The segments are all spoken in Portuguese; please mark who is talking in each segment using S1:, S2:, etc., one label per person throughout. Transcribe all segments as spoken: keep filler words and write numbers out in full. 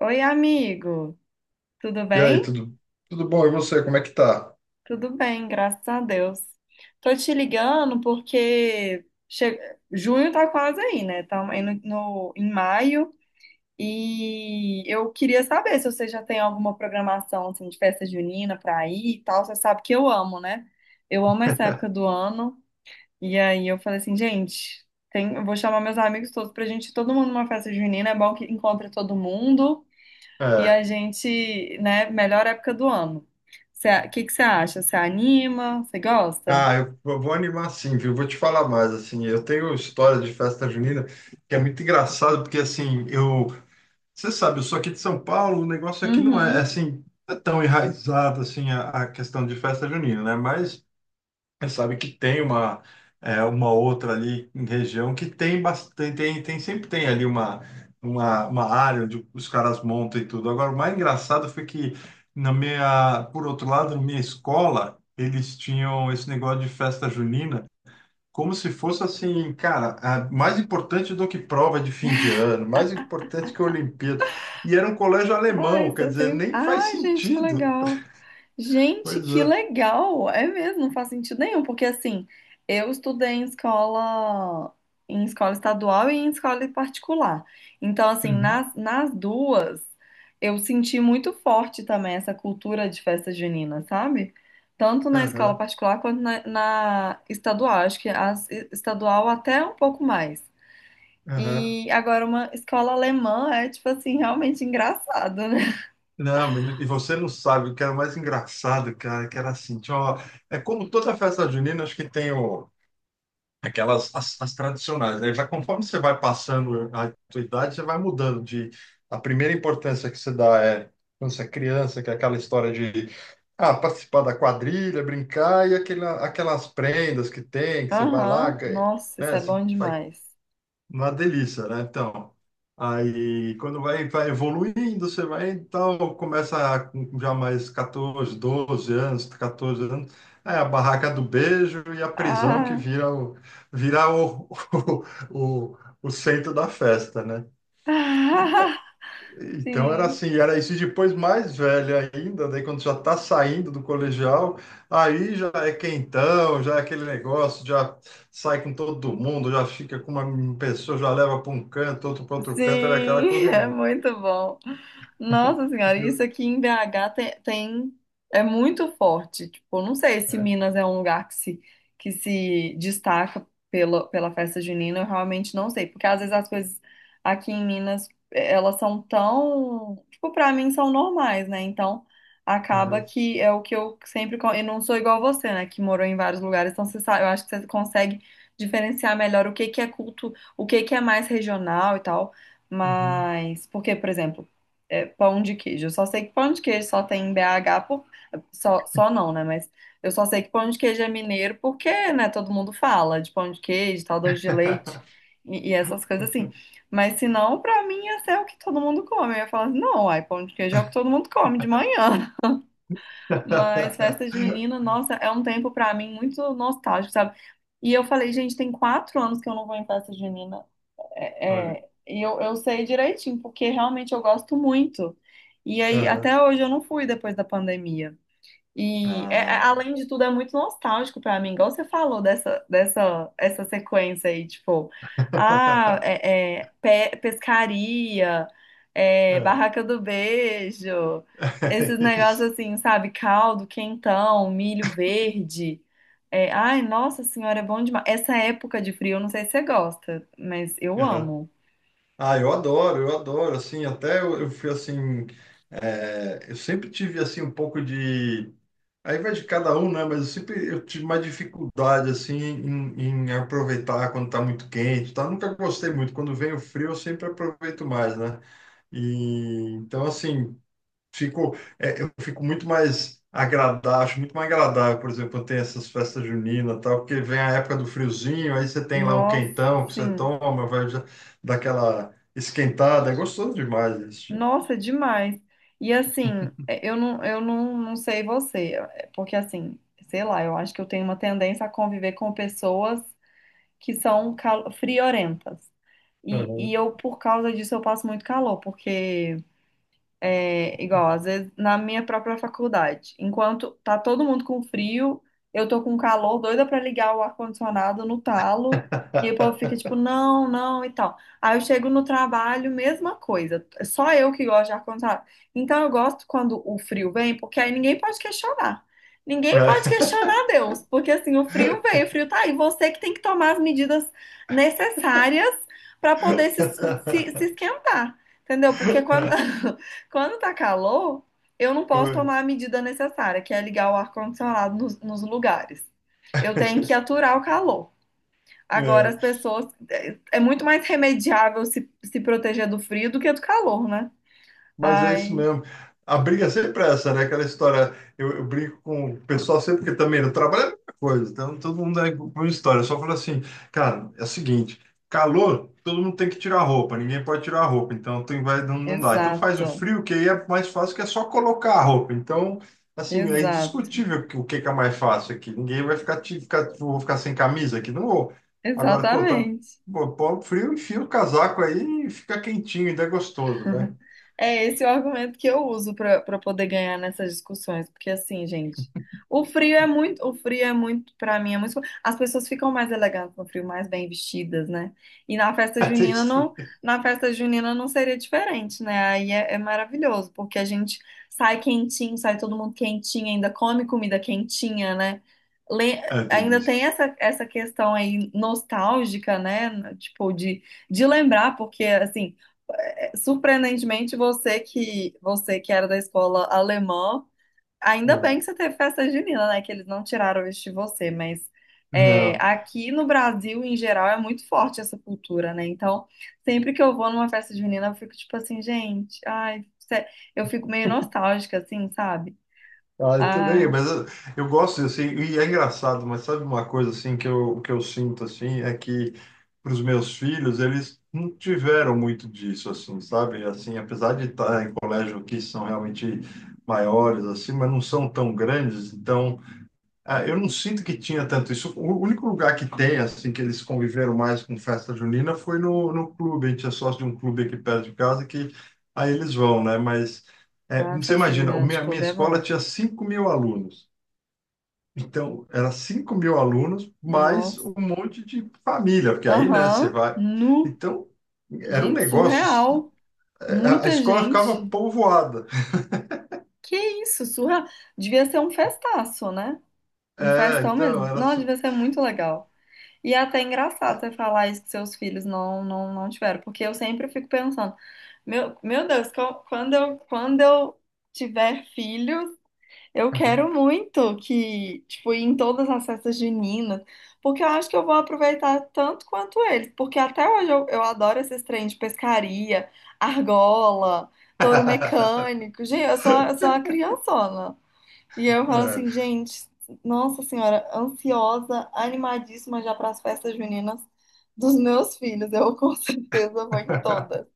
S1: Oi, amigo. Tudo
S2: E aí,
S1: bem?
S2: tudo, tudo bom? E você, como é que tá?
S1: Tudo bem, graças a Deus. Tô te ligando porque che- junho tá quase aí, né? Estamos aí no, no- em maio e eu queria saber se você já tem alguma programação assim, de festa junina pra ir e tal. Você sabe que eu amo, né? Eu amo essa época do ano. E aí eu falei assim, gente, tem... eu vou chamar meus amigos todos pra gente ir todo mundo numa festa junina. É bom que encontre todo mundo. E
S2: É.
S1: a gente, né, melhor época do ano. O que que você acha? Você anima? Você gosta?
S2: Ah, eu, eu vou animar, sim, viu? Vou te falar mais, assim, eu tenho história de festa junina que é muito engraçado, porque, assim, eu... Você sabe, eu sou aqui de São Paulo, o negócio aqui não é, é,
S1: Uhum.
S2: assim, não é tão enraizado, assim, a, a questão de festa junina, né? Mas você sabe que tem uma, é, uma outra ali em região que tem bastante, tem, tem- sempre tem ali uma, uma, uma área onde os caras montam e tudo. Agora, o mais engraçado foi que na minha, por outro lado, na minha escola, eles tinham esse negócio de festa junina como se fosse assim, cara, a- mais importante do que prova de fim de ano, mais importante que a Olimpíada. E era um colégio
S1: Ai,
S2: alemão, quer
S1: você
S2: dizer,
S1: tem...
S2: nem faz
S1: Ai, gente, que
S2: sentido.
S1: legal. Gente,
S2: Pois
S1: que
S2: é.
S1: legal! É mesmo, não faz sentido nenhum, porque assim, eu estudei em escola, em escola estadual e em escola particular. Então, assim,
S2: Uhum.
S1: nas, nas duas, eu senti muito forte também essa cultura de festa junina, sabe? Tanto na escola
S2: Aham,
S1: particular quanto na, na estadual. Acho que a estadual até um pouco mais.
S2: aham.
S1: E agora, uma escola alemã é, tipo assim, realmente engraçado, né?
S2: Não, menino, e você não sabe o que era mais engraçado, cara, que era assim, tinha uma- é como toda festa junina, acho que tem o, aquelas, as, as tradicionais, né? Já conforme você vai passando a tua idade, você vai mudando de, a primeira importância que você dá é, quando você é criança, que é aquela história de, ah, participar da quadrilha, brincar, e aquela, aquelas prendas que tem, que você vai lá,
S1: Aham,
S2: ganha,
S1: nossa,
S2: né?
S1: isso é
S2: Você
S1: bom
S2: vai
S1: demais.
S2: uma delícia, né? Então, aí quando vai, vai evoluindo, você vai, então, começa com já mais catorze, doze anos, catorze anos, é a barraca do beijo e a prisão que
S1: Ah,
S2: vira o, vira o, o, o, o centro da festa, né? E então era
S1: sim.
S2: assim, era isso. E depois mais velha ainda, daí quando já está saindo do colegial, aí já é quentão, já é aquele negócio, já sai com todo mundo, já fica com uma pessoa, já leva para um canto, outro para outro canto, era aquela
S1: Sim, é
S2: correria.
S1: muito bom. Nossa Senhora,
S2: E
S1: isso
S2: eu-
S1: aqui em B H tem, tem- é muito forte. Tipo, não sei se
S2: É,
S1: Minas é um lugar que se, que se destaca pela, pela festa junina, eu realmente não sei, porque às vezes as coisas aqui em Minas, eh, elas são tão, tipo, pra mim são normais, né? Então, acaba
S2: aham,
S1: que é o que eu sempre, co- e não sou igual você, né, que morou em vários lugares, então você sabe, eu acho que você consegue diferenciar melhor o que que é culto, o que que é mais regional e tal.
S2: uhum.
S1: Mas, porque, por exemplo, é, pão de queijo. Eu só sei que pão de queijo só tem em B H, por... só, só não, né? Mas eu só sei que pão de queijo é mineiro porque, né, todo mundo fala de pão de queijo, tal, doce de leite e, e essas coisas assim. Mas se não, pra mim, ia ser o que todo mundo come. Eu ia falar assim, não, ai, pão de queijo é o que todo mundo come de manhã. Mas festa junina, nossa, é um tempo pra mim muito nostálgico, sabe? E eu falei, gente, tem quatro anos que eu não vou em festa junina. É,
S2: Olha.
S1: é, e eu, eu sei direitinho, porque realmente eu gosto muito. E aí,
S2: Aham.
S1: até hoje eu não fui depois da pandemia. E é- é-
S2: Ah.
S1: além de tudo, é muito nostálgico pra mim, igual você falou dessa, dessa essa sequência aí, tipo, ah, é, é, pe- pescaria, é,
S2: É.
S1: barraca do beijo, esses
S2: É isso.
S1: negócios assim, sabe? Caldo, quentão, milho verde. É, ai, nossa senhora, é bom demais. Essa época de frio, eu não sei se você gosta, mas eu
S2: Aham.
S1: amo.
S2: Ah, eu adoro, eu adoro, assim, até eu, eu fui assim, é, eu sempre tive assim um pouco de, aí vai de cada um, né? Mas eu sempre eu tive mais dificuldade assim em, em aproveitar quando tá muito quente, tá? Nunca gostei muito. Quando vem o frio, eu sempre aproveito mais, né? E então assim, fico, é, eu fico muito mais agradável, acho muito mais agradável, por exemplo, quando tem essas festas juninas, e tal, porque vem a época do friozinho, aí você tem lá um
S1: Nossa,
S2: quentão que você
S1: sim.
S2: toma, vai já dar aquela esquentada, é gostoso demais isso, gente.
S1: Nossa, é demais. E assim, é, eu não, eu não, não sei você, é, porque assim, sei lá, eu acho que eu tenho uma tendência a conviver com pessoas que são cal- friorentas. E, e
S2: Uhum.
S1: eu, por causa disso, eu passo muito calor, porque é, igual, às vezes, na minha própria faculdade. Enquanto tá todo mundo com frio, eu tô com calor, doida pra ligar o ar-condicionado no talo, e aí o povo fica tipo, não, não, e tal. Aí eu chego no trabalho, mesma coisa. Só eu que gosto de ar-condicionado. Então eu gosto quando o frio vem, porque aí ninguém pode questionar. Ninguém
S2: É.
S1: pode questionar Deus, porque assim, o frio veio, o frio tá aí. Você que tem que tomar as medidas necessárias pra poder se, se se esquentar. Entendeu? Porque quando, quando tá calor, eu não posso tomar a medida necessária, que é ligar o ar-condicionado nos, nos lugares. Eu tenho que aturar o calor. Agora,
S2: É.
S1: as pessoas. É é muito mais remediável se, se proteger do frio do que do calor, né?
S2: Mas é isso
S1: Ai,
S2: mesmo. A briga é sempre essa, né? Aquela história. Eu, eu brigo com o pessoal sempre, porque também no trabalho é a mesma coisa. Então, todo mundo é com uma história. Eu só falo assim, cara, é o seguinte: calor, todo mundo tem que tirar a roupa, ninguém pode tirar a roupa. Então, tem, vai, não, não dá. Então, faz o
S1: exato,
S2: frio, que aí é mais fácil, que é só colocar a roupa. Então, assim, é
S1: exato,
S2: indiscutível que- o que, que é mais fácil aqui. Ninguém vai ficar, te- ficar, vou ficar sem camisa aqui, não vou. Agora, pô, tá,
S1: exatamente.
S2: pô, pô, frio, enfia o casaco aí e fica quentinho, ainda é gostoso, né?
S1: É esse o argumento que eu uso para para poder ganhar nessas discussões, porque assim, gente, o frio é muito, o frio é muito, para mim é muito, as pessoas ficam mais elegantes no frio, mais bem vestidas, né? E na festa junina
S2: Atende
S1: não,
S2: também.
S1: na festa junina não seria diferente, né? Aí é, é maravilhoso, porque a gente sai quentinho, sai todo mundo quentinho, ainda come comida quentinha, né? Le-
S2: Ah, tem
S1: Ainda
S2: isso.
S1: tem essa, essa questão aí nostálgica, né? Tipo, de, de lembrar, porque assim, surpreendentemente, você que você que era da escola alemã, ainda
S2: Ah,
S1: bem que você teve festa junina, né? Que eles não tiraram isso de você, mas é,
S2: não.
S1: aqui no Brasil, em geral, é muito forte essa cultura, né? Então, sempre que eu vou numa festa junina, eu fico tipo assim, gente, ai, sé- eu fico meio nostálgica, assim, sabe?
S2: Ah, eu também,
S1: Ai,
S2: mas eu, eu gosto assim, e é engraçado, mas sabe uma coisa assim que eu, que eu sinto assim, é que para os meus filhos, eles não tiveram muito disso assim, sabe? Assim, apesar de estar em colégio que são realmente maiores assim, mas não são tão grandes, então ah, eu não sinto que tinha tanto isso. O único lugar que tem, assim, que eles conviveram mais com festa junina foi no, no clube. A gente é sócio de um clube aqui perto de casa que aí eles vão, né? Mas é,
S1: a
S2: você
S1: festa
S2: imagina, a
S1: junina de
S2: minha, minha
S1: clube é
S2: escola
S1: bom.
S2: tinha cinco mil alunos. Então, era cinco mil alunos mais
S1: Nossa.
S2: um monte de família, porque aí, né, você
S1: Aham,
S2: vai.
S1: nu.
S2: Então, era um
S1: Gente,
S2: negócio.
S1: surreal.
S2: A a
S1: Muita
S2: escola ficava
S1: gente.
S2: povoada.
S1: Que isso, surra. Devia ser um festaço, né? Um
S2: É,
S1: festão
S2: então,
S1: mesmo.
S2: era.
S1: Não,
S2: Su-
S1: devia ser muito legal. E é até engraçado você falar isso que seus filhos não, não, não tiveram, porque eu sempre fico pensando, meu, meu Deus, co- quando eu, quando eu tiver filhos, eu quero muito que, tipo, ir em todas as festas juninas, porque eu acho que eu vou aproveitar tanto quanto eles, porque até hoje eu, eu adoro esses trens de pescaria, argola, touro mecânico. Gente, eu sou, eu sou uma criançona. E eu falo
S2: É.
S1: assim, gente, nossa senhora, ansiosa, animadíssima já para as festas juninas dos meus filhos. Eu com certeza vou em todas.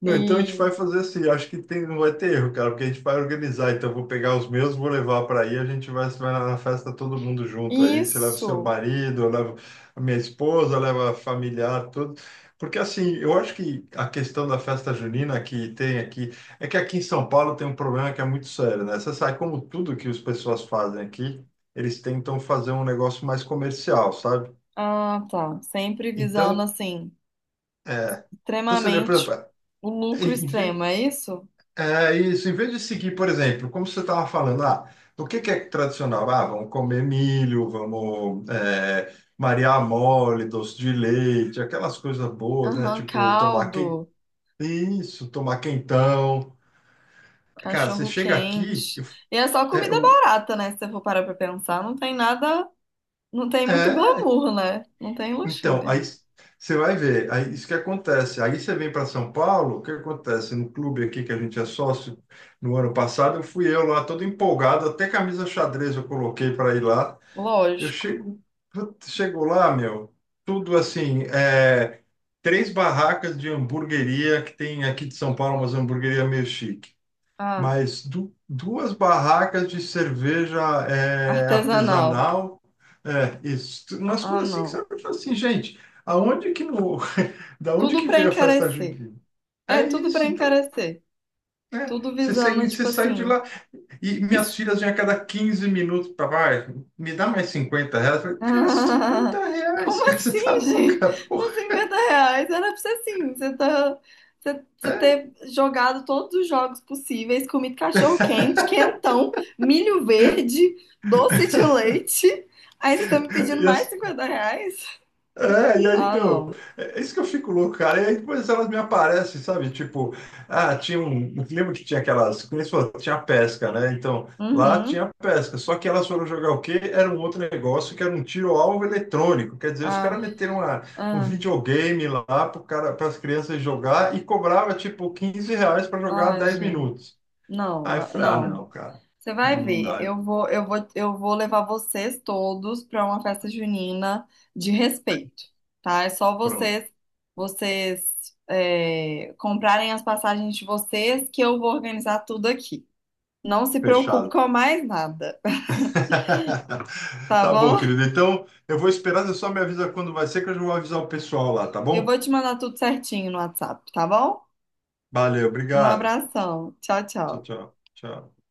S2: Não, então a gente
S1: E
S2: vai fazer assim, acho que tem, não vai ter erro, cara, porque a gente vai organizar. Então eu vou pegar os meus, vou levar para aí, a gente vai, vai, na na festa todo mundo junto aí. Você leva o seu
S1: isso.
S2: marido, eu levo a minha esposa, leva a familiar, tudo. Porque assim, eu acho que a questão da festa junina que tem aqui, é que aqui em São Paulo tem um problema que é muito sério, né? Você sabe, como tudo que as pessoas fazem aqui, eles tentam fazer um negócio mais comercial, sabe?
S1: Ah, tá. Sempre visando
S2: Então,
S1: assim,
S2: então você vê, por exemplo,
S1: extremamente o lucro extremo, é isso?
S2: é isso, em vez de seguir, por exemplo, como você estava falando, ah, o que que é tradicional? Ah, vamos comer milho, vamos é, Maria mole, doce de leite, aquelas coisas boas, né?
S1: Aham,
S2: Tipo, tomar quem...
S1: caldo,
S2: isso, tomar quentão. Cara, você
S1: cachorro
S2: chega aqui,
S1: quente.
S2: eu-
S1: E é só
S2: é,
S1: comida
S2: o-
S1: barata, né? Se você for parar pra pensar, não tem nada, não tem muito
S2: é,
S1: glamour, né? Não tem
S2: então,
S1: luxúria.
S2: aí você vai ver, aí isso que acontece. Aí você vem para São Paulo, o que acontece? No clube aqui que a gente é sócio, no ano passado, eu fui eu lá todo empolgado, até camisa xadrez eu coloquei para ir lá. Eu
S1: Lógico.
S2: chego, putz, chego lá, meu, tudo assim, é, três barracas de hamburgueria que tem aqui de São Paulo, umas hamburgueria meio chique,
S1: Ah,
S2: mas du- duas barracas de cerveja é,
S1: artesanal.
S2: artesanal, é, isso, tu- umas
S1: Ah,
S2: coisas assim que você
S1: não.
S2: olha fala assim, gente, aonde que no, da onde
S1: Tudo
S2: que
S1: pra
S2: veio a festa
S1: encarecer.
S2: junina?
S1: É,
S2: É
S1: tudo pra
S2: isso, então,
S1: encarecer.
S2: né?
S1: Tudo
S2: Você, sai-
S1: visando,
S2: você
S1: tipo
S2: sai de
S1: assim.
S2: lá e
S1: es-
S2: minhas filhas vinham a cada quinze minutos para vai, me dá mais cinquenta reais. Eu falei, cara,
S1: Ah,
S2: cinquenta reais,
S1: como
S2: cara, você tá
S1: assim, gente?
S2: louca, porra.
S1: Com cinquenta reais era pra ser assim. Você tá. Você você ter jogado todos os jogos possíveis, comido cachorro quente, quentão, milho verde, doce de leite. Aí você tá me pedindo
S2: E
S1: mais
S2: as-
S1: cinquenta reais?
S2: É, e aí,
S1: Ah,
S2: então,
S1: não.
S2: é é isso que eu fico louco, cara. E aí depois elas me aparecem, sabe? Tipo, ah, tinha um. eu lembro que tinha aquelas, como eles falam, tinha pesca, né? Então, lá
S1: Uhum.
S2: tinha pesca. Só que elas foram jogar o quê? Era um outro negócio que era um tiro-alvo eletrônico. Quer dizer, os caras
S1: Ah,
S2: meteram uma, um
S1: ah,
S2: videogame lá para as crianças jogar e cobrava, tipo, quinze reais para jogar
S1: ah,
S2: dez
S1: gente.
S2: minutos.
S1: Não,
S2: Aí eu
S1: ah,
S2: falei, ah,
S1: não.
S2: não, cara,
S1: Você vai
S2: não
S1: ver,
S2: dá.
S1: eu vou, eu vou, eu vou levar vocês todos para uma festa junina de respeito, tá? É só
S2: Pronto,
S1: vocês, vocês é, comprarem as passagens de vocês que eu vou organizar tudo aqui. Não se preocupe
S2: fechado.
S1: com mais nada, tá
S2: Tá bom,
S1: bom?
S2: querido. Então, eu vou esperar. Você só me avisa quando vai ser, que eu já vou avisar o pessoal lá, tá
S1: Eu
S2: bom?
S1: vou te mandar tudo certinho no WhatsApp, tá bom?
S2: Valeu,
S1: Um
S2: obrigado.
S1: abração, tchau,
S2: Tchau,
S1: tchau.
S2: tchau. Tchau.